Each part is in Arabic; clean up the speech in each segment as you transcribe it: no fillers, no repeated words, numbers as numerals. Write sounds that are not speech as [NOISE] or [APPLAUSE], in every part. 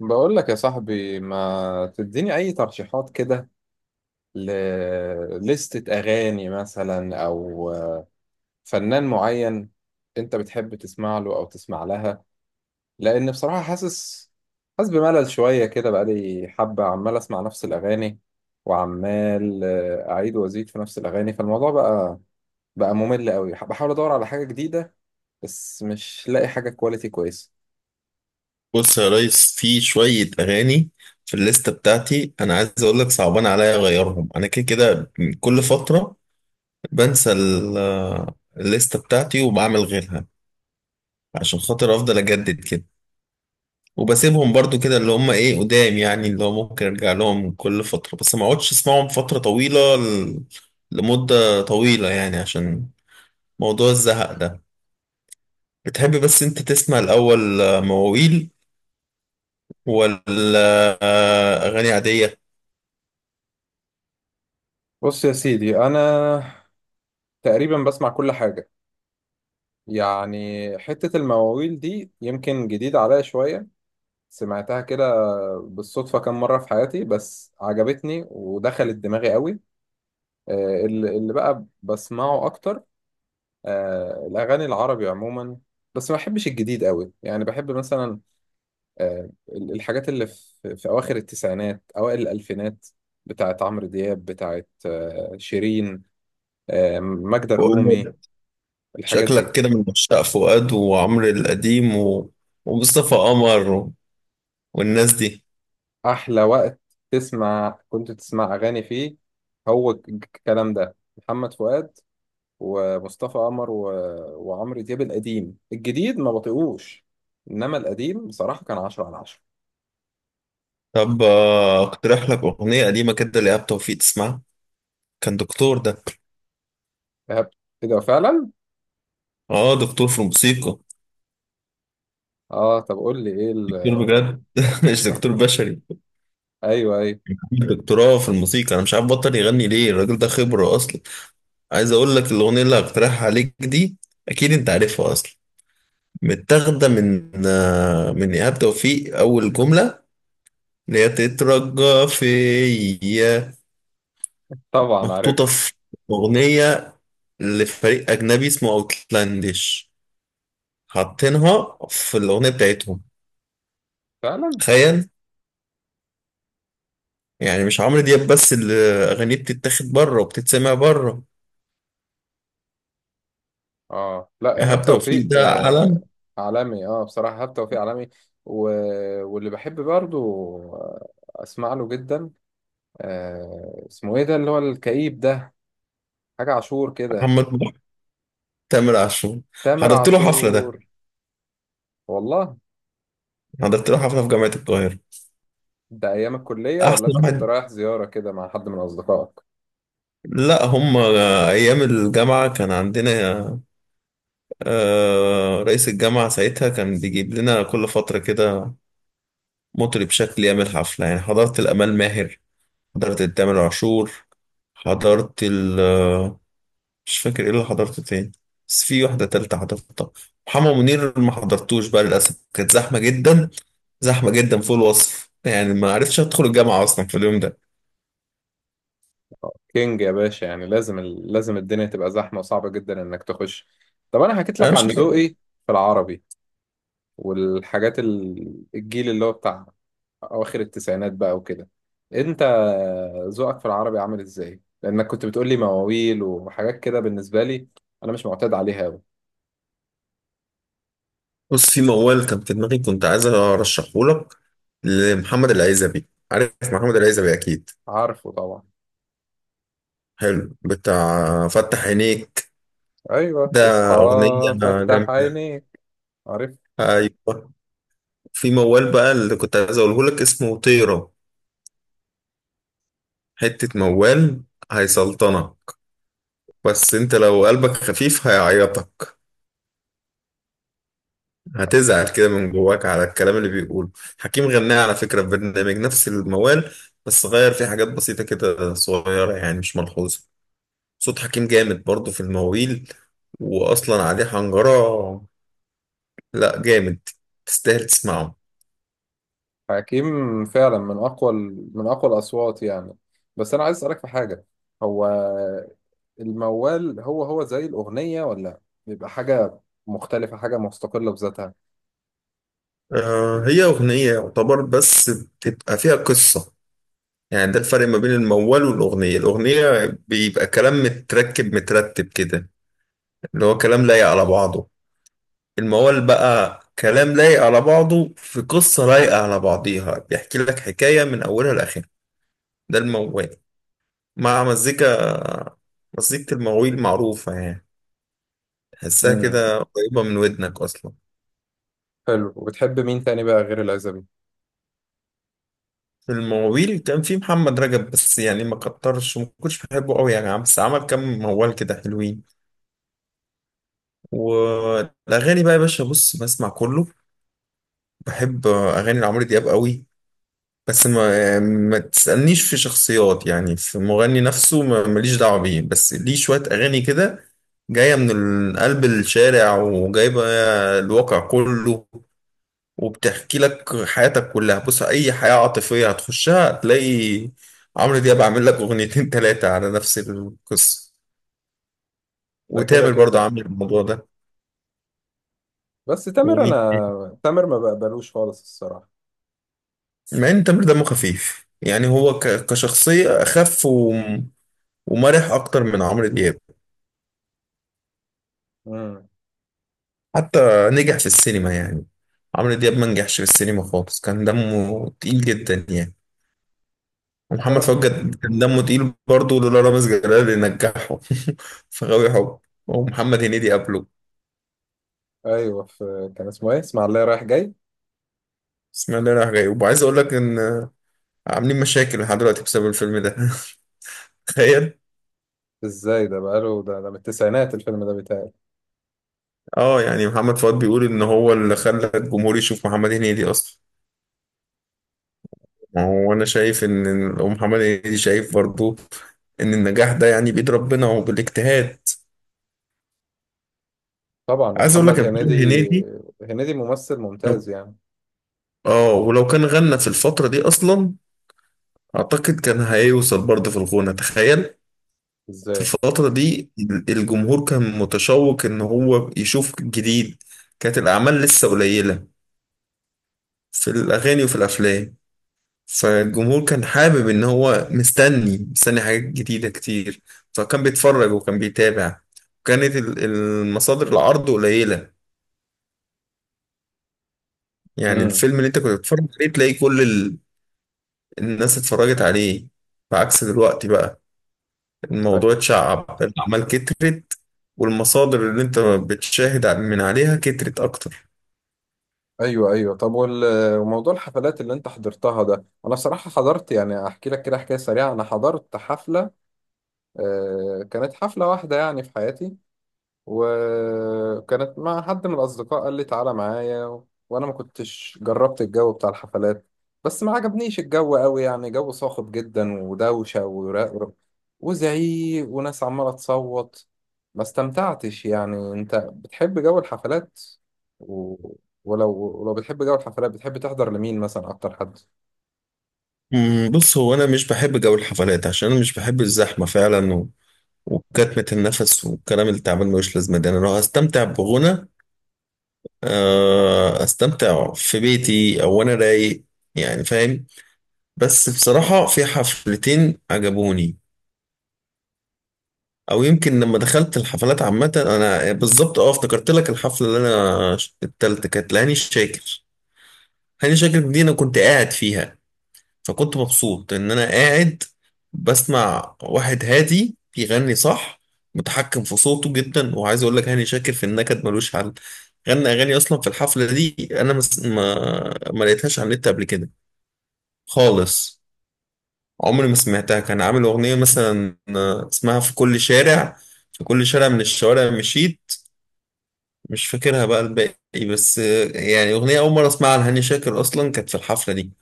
بقول لك يا صاحبي ما تديني اي ترشيحات كده لليستة اغاني مثلا او فنان معين. انت بتحب تسمع له او تسمع لها؟ لان بصراحة حاسس بملل شوية كده بقالي حبة عمال اسمع نفس الاغاني، وعمال اعيد وازيد في نفس الاغاني، فالموضوع بقى ممل قوي. بحاول ادور على حاجة جديدة بس مش لاقي حاجة كواليتي كويسة. بص يا ريس، في شوية أغاني في الليستة بتاعتي. أنا عايز أقول لك صعبان عليا أغيرهم، أنا كده كده كل فترة بنسى الليستة بتاعتي وبعمل غيرها عشان خاطر أفضل أجدد كده، وبسيبهم برضو كده اللي هم إيه قدام، يعني اللي هو ممكن أرجع لهم كل فترة بس ما أقعدش أسمعهم فترة طويلة لمدة طويلة يعني، عشان موضوع الزهق ده. بتحب بس أنت تسمع الأول مواويل ولا أغاني عادية؟ بص يا سيدي انا تقريبا بسمع كل حاجة، يعني حتة المواويل دي يمكن جديدة عليا شوية، سمعتها كده بالصدفة كام مرة في حياتي بس عجبتني ودخلت دماغي قوي. اللي بقى بسمعه أكتر، الأغاني العربي عموما، بس ما بحبش الجديد قوي، يعني بحب مثلا الحاجات اللي في أواخر التسعينات أوائل الألفينات، بتاعت عمرو دياب، بتاعت شيرين، ماجدة الرومي، الحاجات دي. شكلك كده من عشاق فؤاد وعمرو القديم و... ومصطفى قمر و... والناس دي. احلى وقت كنت تسمع اغاني فيه هو الكلام ده، محمد فؤاد ومصطفى قمر و... وعمرو دياب القديم. الجديد ما بطيقوش، انما القديم بصراحه كان 10 على 10. طب اقترح لك أغنية قديمة كده لإيهاب توفيق تسمعها، كان دكتور ده. فهمت كده فعلا. اه، دكتور في الموسيقى، اه طب قول لي ايه ال... دكتور بجد [LAUGHS] مش دكتور بشري، ايوه، ايوه. دكتوراه في الموسيقى. انا مش عارف بطل يغني ليه الراجل ده، خبرة اصلا. عايز اقول لك الأغنية اللي هقترحها عليك دي اكيد انت عارفها اصلا. متاخدة من من إيهاب توفيق، اول جملة اللي هي تترجى فيا طبعا عارف. محطوطة في أغنية لفريق أجنبي اسمه أوتلانديش، حاطينها في الأغنية بتاعتهم. فعلا. تخيل، يعني مش عمرو دياب بس اللي أغانيه بتتاخد بره وبتتسمع بره. اه لا، إيهاب ايهاب توفيق توفيق ده علم. آه عالمي، اه بصراحه ايهاب توفيق عالمي. و... واللي بحب برضو آه، اسمع له جدا، آه اسمه ايه ده اللي هو الكئيب ده، حاجة عاشور كده. محمد محب، تامر عاشور، تامر حضرت له حفلة ده. عاشور. والله. حضرت له حفلة في جامعة القاهرة. ده أيام الكلية ولا أحسن أنت كنت واحد. رايح زيارة كده مع حد من أصدقائك؟ لا، هم أيام الجامعة كان عندنا رئيس الجامعة ساعتها كان بيجيب لنا كل فترة كده مطرب شكل يعمل حفلة، يعني حضرت الأمال ماهر، حضرت التامر عاشور، حضرت مش فاكر ايه اللي حضرته تاني، بس في واحدة تالتة حضرتها. محمد منير ما حضرتوش بقى للأسف، كانت زحمة جدا، زحمة جدا فوق الوصف يعني، ما عرفتش أدخل الجامعة أصلا في اليوم ده. كينج يا باشا. يعني لازم لازم الدنيا تبقى زحمة وصعبة جدا إنك تخش. طب أنا حكيت أنا لك عن مش عارف. ذوقي في العربي والحاجات الجيل اللي هو بتاع أواخر التسعينات بقى وكده. أنت ذوقك في العربي عامل إزاي؟ لأنك كنت بتقول لي مواويل وحاجات كده، بالنسبة لي أنا مش معتاد عليها أوي. بص، في موال كان في دماغي كنت عايز أرشحه لك لمحمد العزبي، عارف محمد العزبي أكيد، عارفه طبعا. حلو بتاع فتح عينيك أيوه ده، اصحى. أغنية فتح جامدة. عينيك. أيوة، في موال بقى اللي كنت عايز أقوله لك اسمه طيرة، حتة موال هيسلطنك، بس انت لو قلبك خفيف هيعيطك، هتزعل كده من جواك على الكلام اللي بيقوله. حكيم غناه على فكرة في برنامج نفس الموال، بس غير فيه حاجات بسيطة كده صغيرة يعني مش ملحوظة. صوت حكيم جامد برضه في المواويل، وأصلا عليه حنجرة، لا جامد، تستاهل تسمعه. حكيم فعلا من اقوى من اقوى الاصوات يعني. بس انا عايز اسالك في حاجه، هو الموال هو زي الاغنيه، ولا بيبقى حاجه مختلفه، حاجه مستقله بذاتها؟ آه، هي أغنية يعتبر بس بتبقى فيها قصة، يعني ده الفرق ما بين الموال والأغنية. الأغنية بيبقى كلام متركب مترتب كده، اللي هو كلام لايق على بعضه. الموال بقى كلام لايق على بعضه في قصة لايقة على بعضيها، بيحكي لك حكاية من أولها لآخرها. ده الموال، مع مزيكا، مزيكة المواويل معروفة يعني، تحسها امم. كده قريبة من ودنك أصلا. حلو. وبتحب مين تاني بقى غير العزبي؟ في المواويل كان في محمد رجب، بس يعني ما كترش وما كنتش بحبه قوي يعني، بس عمل كام موال كده حلوين. والأغاني بقى يا باشا، بص بسمع كله، بحب أغاني لعمرو دياب قوي، بس ما تسألنيش في شخصيات يعني، في مغني نفسه ماليش دعوة بيه، بس ليه شوية أغاني كده جاية من قلب الشارع وجايبة الواقع كله، وبتحكي لك حياتك كلها. بص، أي حياة عاطفية هتخشها هتلاقي عمرو دياب عامل لك أغنيتين تلاتة على نفس القصة، ده كده وتامر برضه كده. عامل الموضوع ده. بس تامر، ومين تاني؟ انا تامر ما بقبلوش خالص الصراحه. مع إن تامر دمه خفيف يعني، هو كشخصية أخف ومرح أكتر من عمرو دياب، امم. حتى نجح في السينما يعني. عمرو دياب ما نجحش في السينما خالص، كان دمه تقيل جدا يعني. ومحمد تامر. فؤاد كان دمه تقيل برضه، لولا رامز جلال اللي نجحه [LAUGHS] في غاوي حب، ومحمد هنيدي قبله، ايوه، في كان اسمه ايه، اسمع الله رايح جاي. بسم الله راح جاي. وعايز اقول لك ان عاملين مشاكل لحد دلوقتي بسبب الفيلم ده [LAUGHS] تخيل. ازاي ده، بقاله ده، ده من التسعينات الفيلم ده بيتهيألي. اه، يعني محمد فؤاد بيقول ان هو اللي خلى الجمهور يشوف محمد هنيدي اصلا. ما هو انا شايف ان ومحمد هنيدي شايف برضه ان النجاح ده يعني بيد ربنا وبالاجتهاد. طبعا. عايز اقول لك ومحمد يا محمد هنيدي، هنيدي هنيدي ممثل لو، ممتاز يعني. اه، ولو كان غنى في الفترة دي اصلا اعتقد كان هيوصل برضه في الغنى، تخيل. في ازاي. الفترة دي الجمهور كان متشوق ان هو يشوف جديد، كانت الاعمال لسه قليلة في الاغاني وفي الافلام، فالجمهور كان حابب ان هو مستني حاجات جديدة كتير، فكان بيتفرج وكان بيتابع، وكانت المصادر العرض قليلة، يعني امم. الفيلم اللي انت كنت بتتفرج عليه تلاقي كل الناس اتفرجت عليه، بعكس دلوقتي بقى الموضوع ايوه. اتشعب، الأعمال كترت، والمصادر اللي انت بتشاهد من عليها كترت أكتر. ايوه، ايوه. طب وموضوع الحفلات اللي انت حضرتها ده، انا بصراحه حضرت، يعني احكي لك كده حكايه سريعه، انا حضرت حفله، كانت حفله واحده يعني في حياتي، وكانت مع حد من الأصدقاء قال لي تعالى معايا و... وأنا ما كنتش جربت الجو بتاع الحفلات، بس ما عجبنيش الجو قوي، يعني جو صاخب جدا ودوشة ورق وزعيق وناس عمالة تصوت، ما استمتعتش يعني. أنت بتحب جو الحفلات؟ و... ولو بتحب جو الحفلات بتحب تحضر لمين مثلا، أكتر حد؟ بص، هو أنا مش بحب جو الحفلات عشان أنا مش بحب الزحمة فعلا، و... وكتمة النفس والكلام اللي تعبان ملوش لازمة ده. أنا لو هستمتع بغنى أستمتع في بيتي أو أنا رايق، يعني فاهم. بس بصراحة في حفلتين عجبوني، او يمكن لما دخلت الحفلات عامه انا بالظبط، اه افتكرت لك، الحفله اللي انا التالتة كانت لهاني شاكر. هاني شاكر دي انا كنت قاعد فيها، فكنت مبسوط ان انا قاعد بسمع واحد هادي بيغني صح، متحكم في صوته جدا. وعايز اقول لك، هاني شاكر في النكد ملوش حل، غنى اغاني اصلا في الحفله دي انا مس... ما ما لقيتهاش على النت قبل كده خالص، عمري ما سمعتها. كان عامل اغنيه مثلا، اسمها في كل شارع، في كل شارع من الشوارع مشيت، مش فاكرها بقى الباقي، بس يعني أغنية أول مرة أسمعها لهاني شاكر أصلا كانت في الحفلة دي،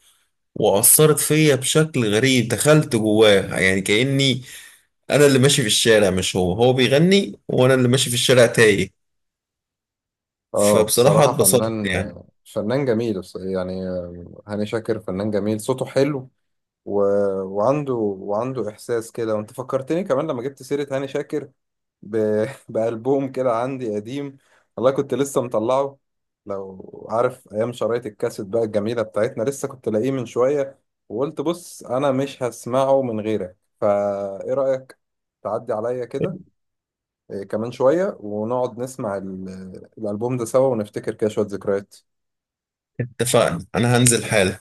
وأثرت فيا بشكل غريب، دخلت جواه يعني، كأني أنا اللي ماشي في الشارع مش هو، هو بيغني وأنا اللي ماشي في الشارع تايه. اه فبصراحة بصراحة اتبسطت فنان، يعني. فنان جميل يعني هاني شاكر فنان جميل، صوته حلو، و... وعنده إحساس كده. وأنت فكرتني كمان لما جبت سيرة هاني شاكر [LAUGHS] بألبوم كده عندي قديم، والله كنت لسه مطلعه، لو عارف أيام شرايط الكاسيت بقى الجميلة بتاعتنا، لسه كنت لاقيه من شوية، وقلت بص أنا مش هسمعه من غيرك، فإيه رأيك تعدي عليا كده كمان شوية ونقعد نسمع الألبوم ده سوا ونفتكر كده شوية ذكريات. اتفقنا، أنا هنزل حالا.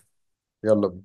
يلا بينا.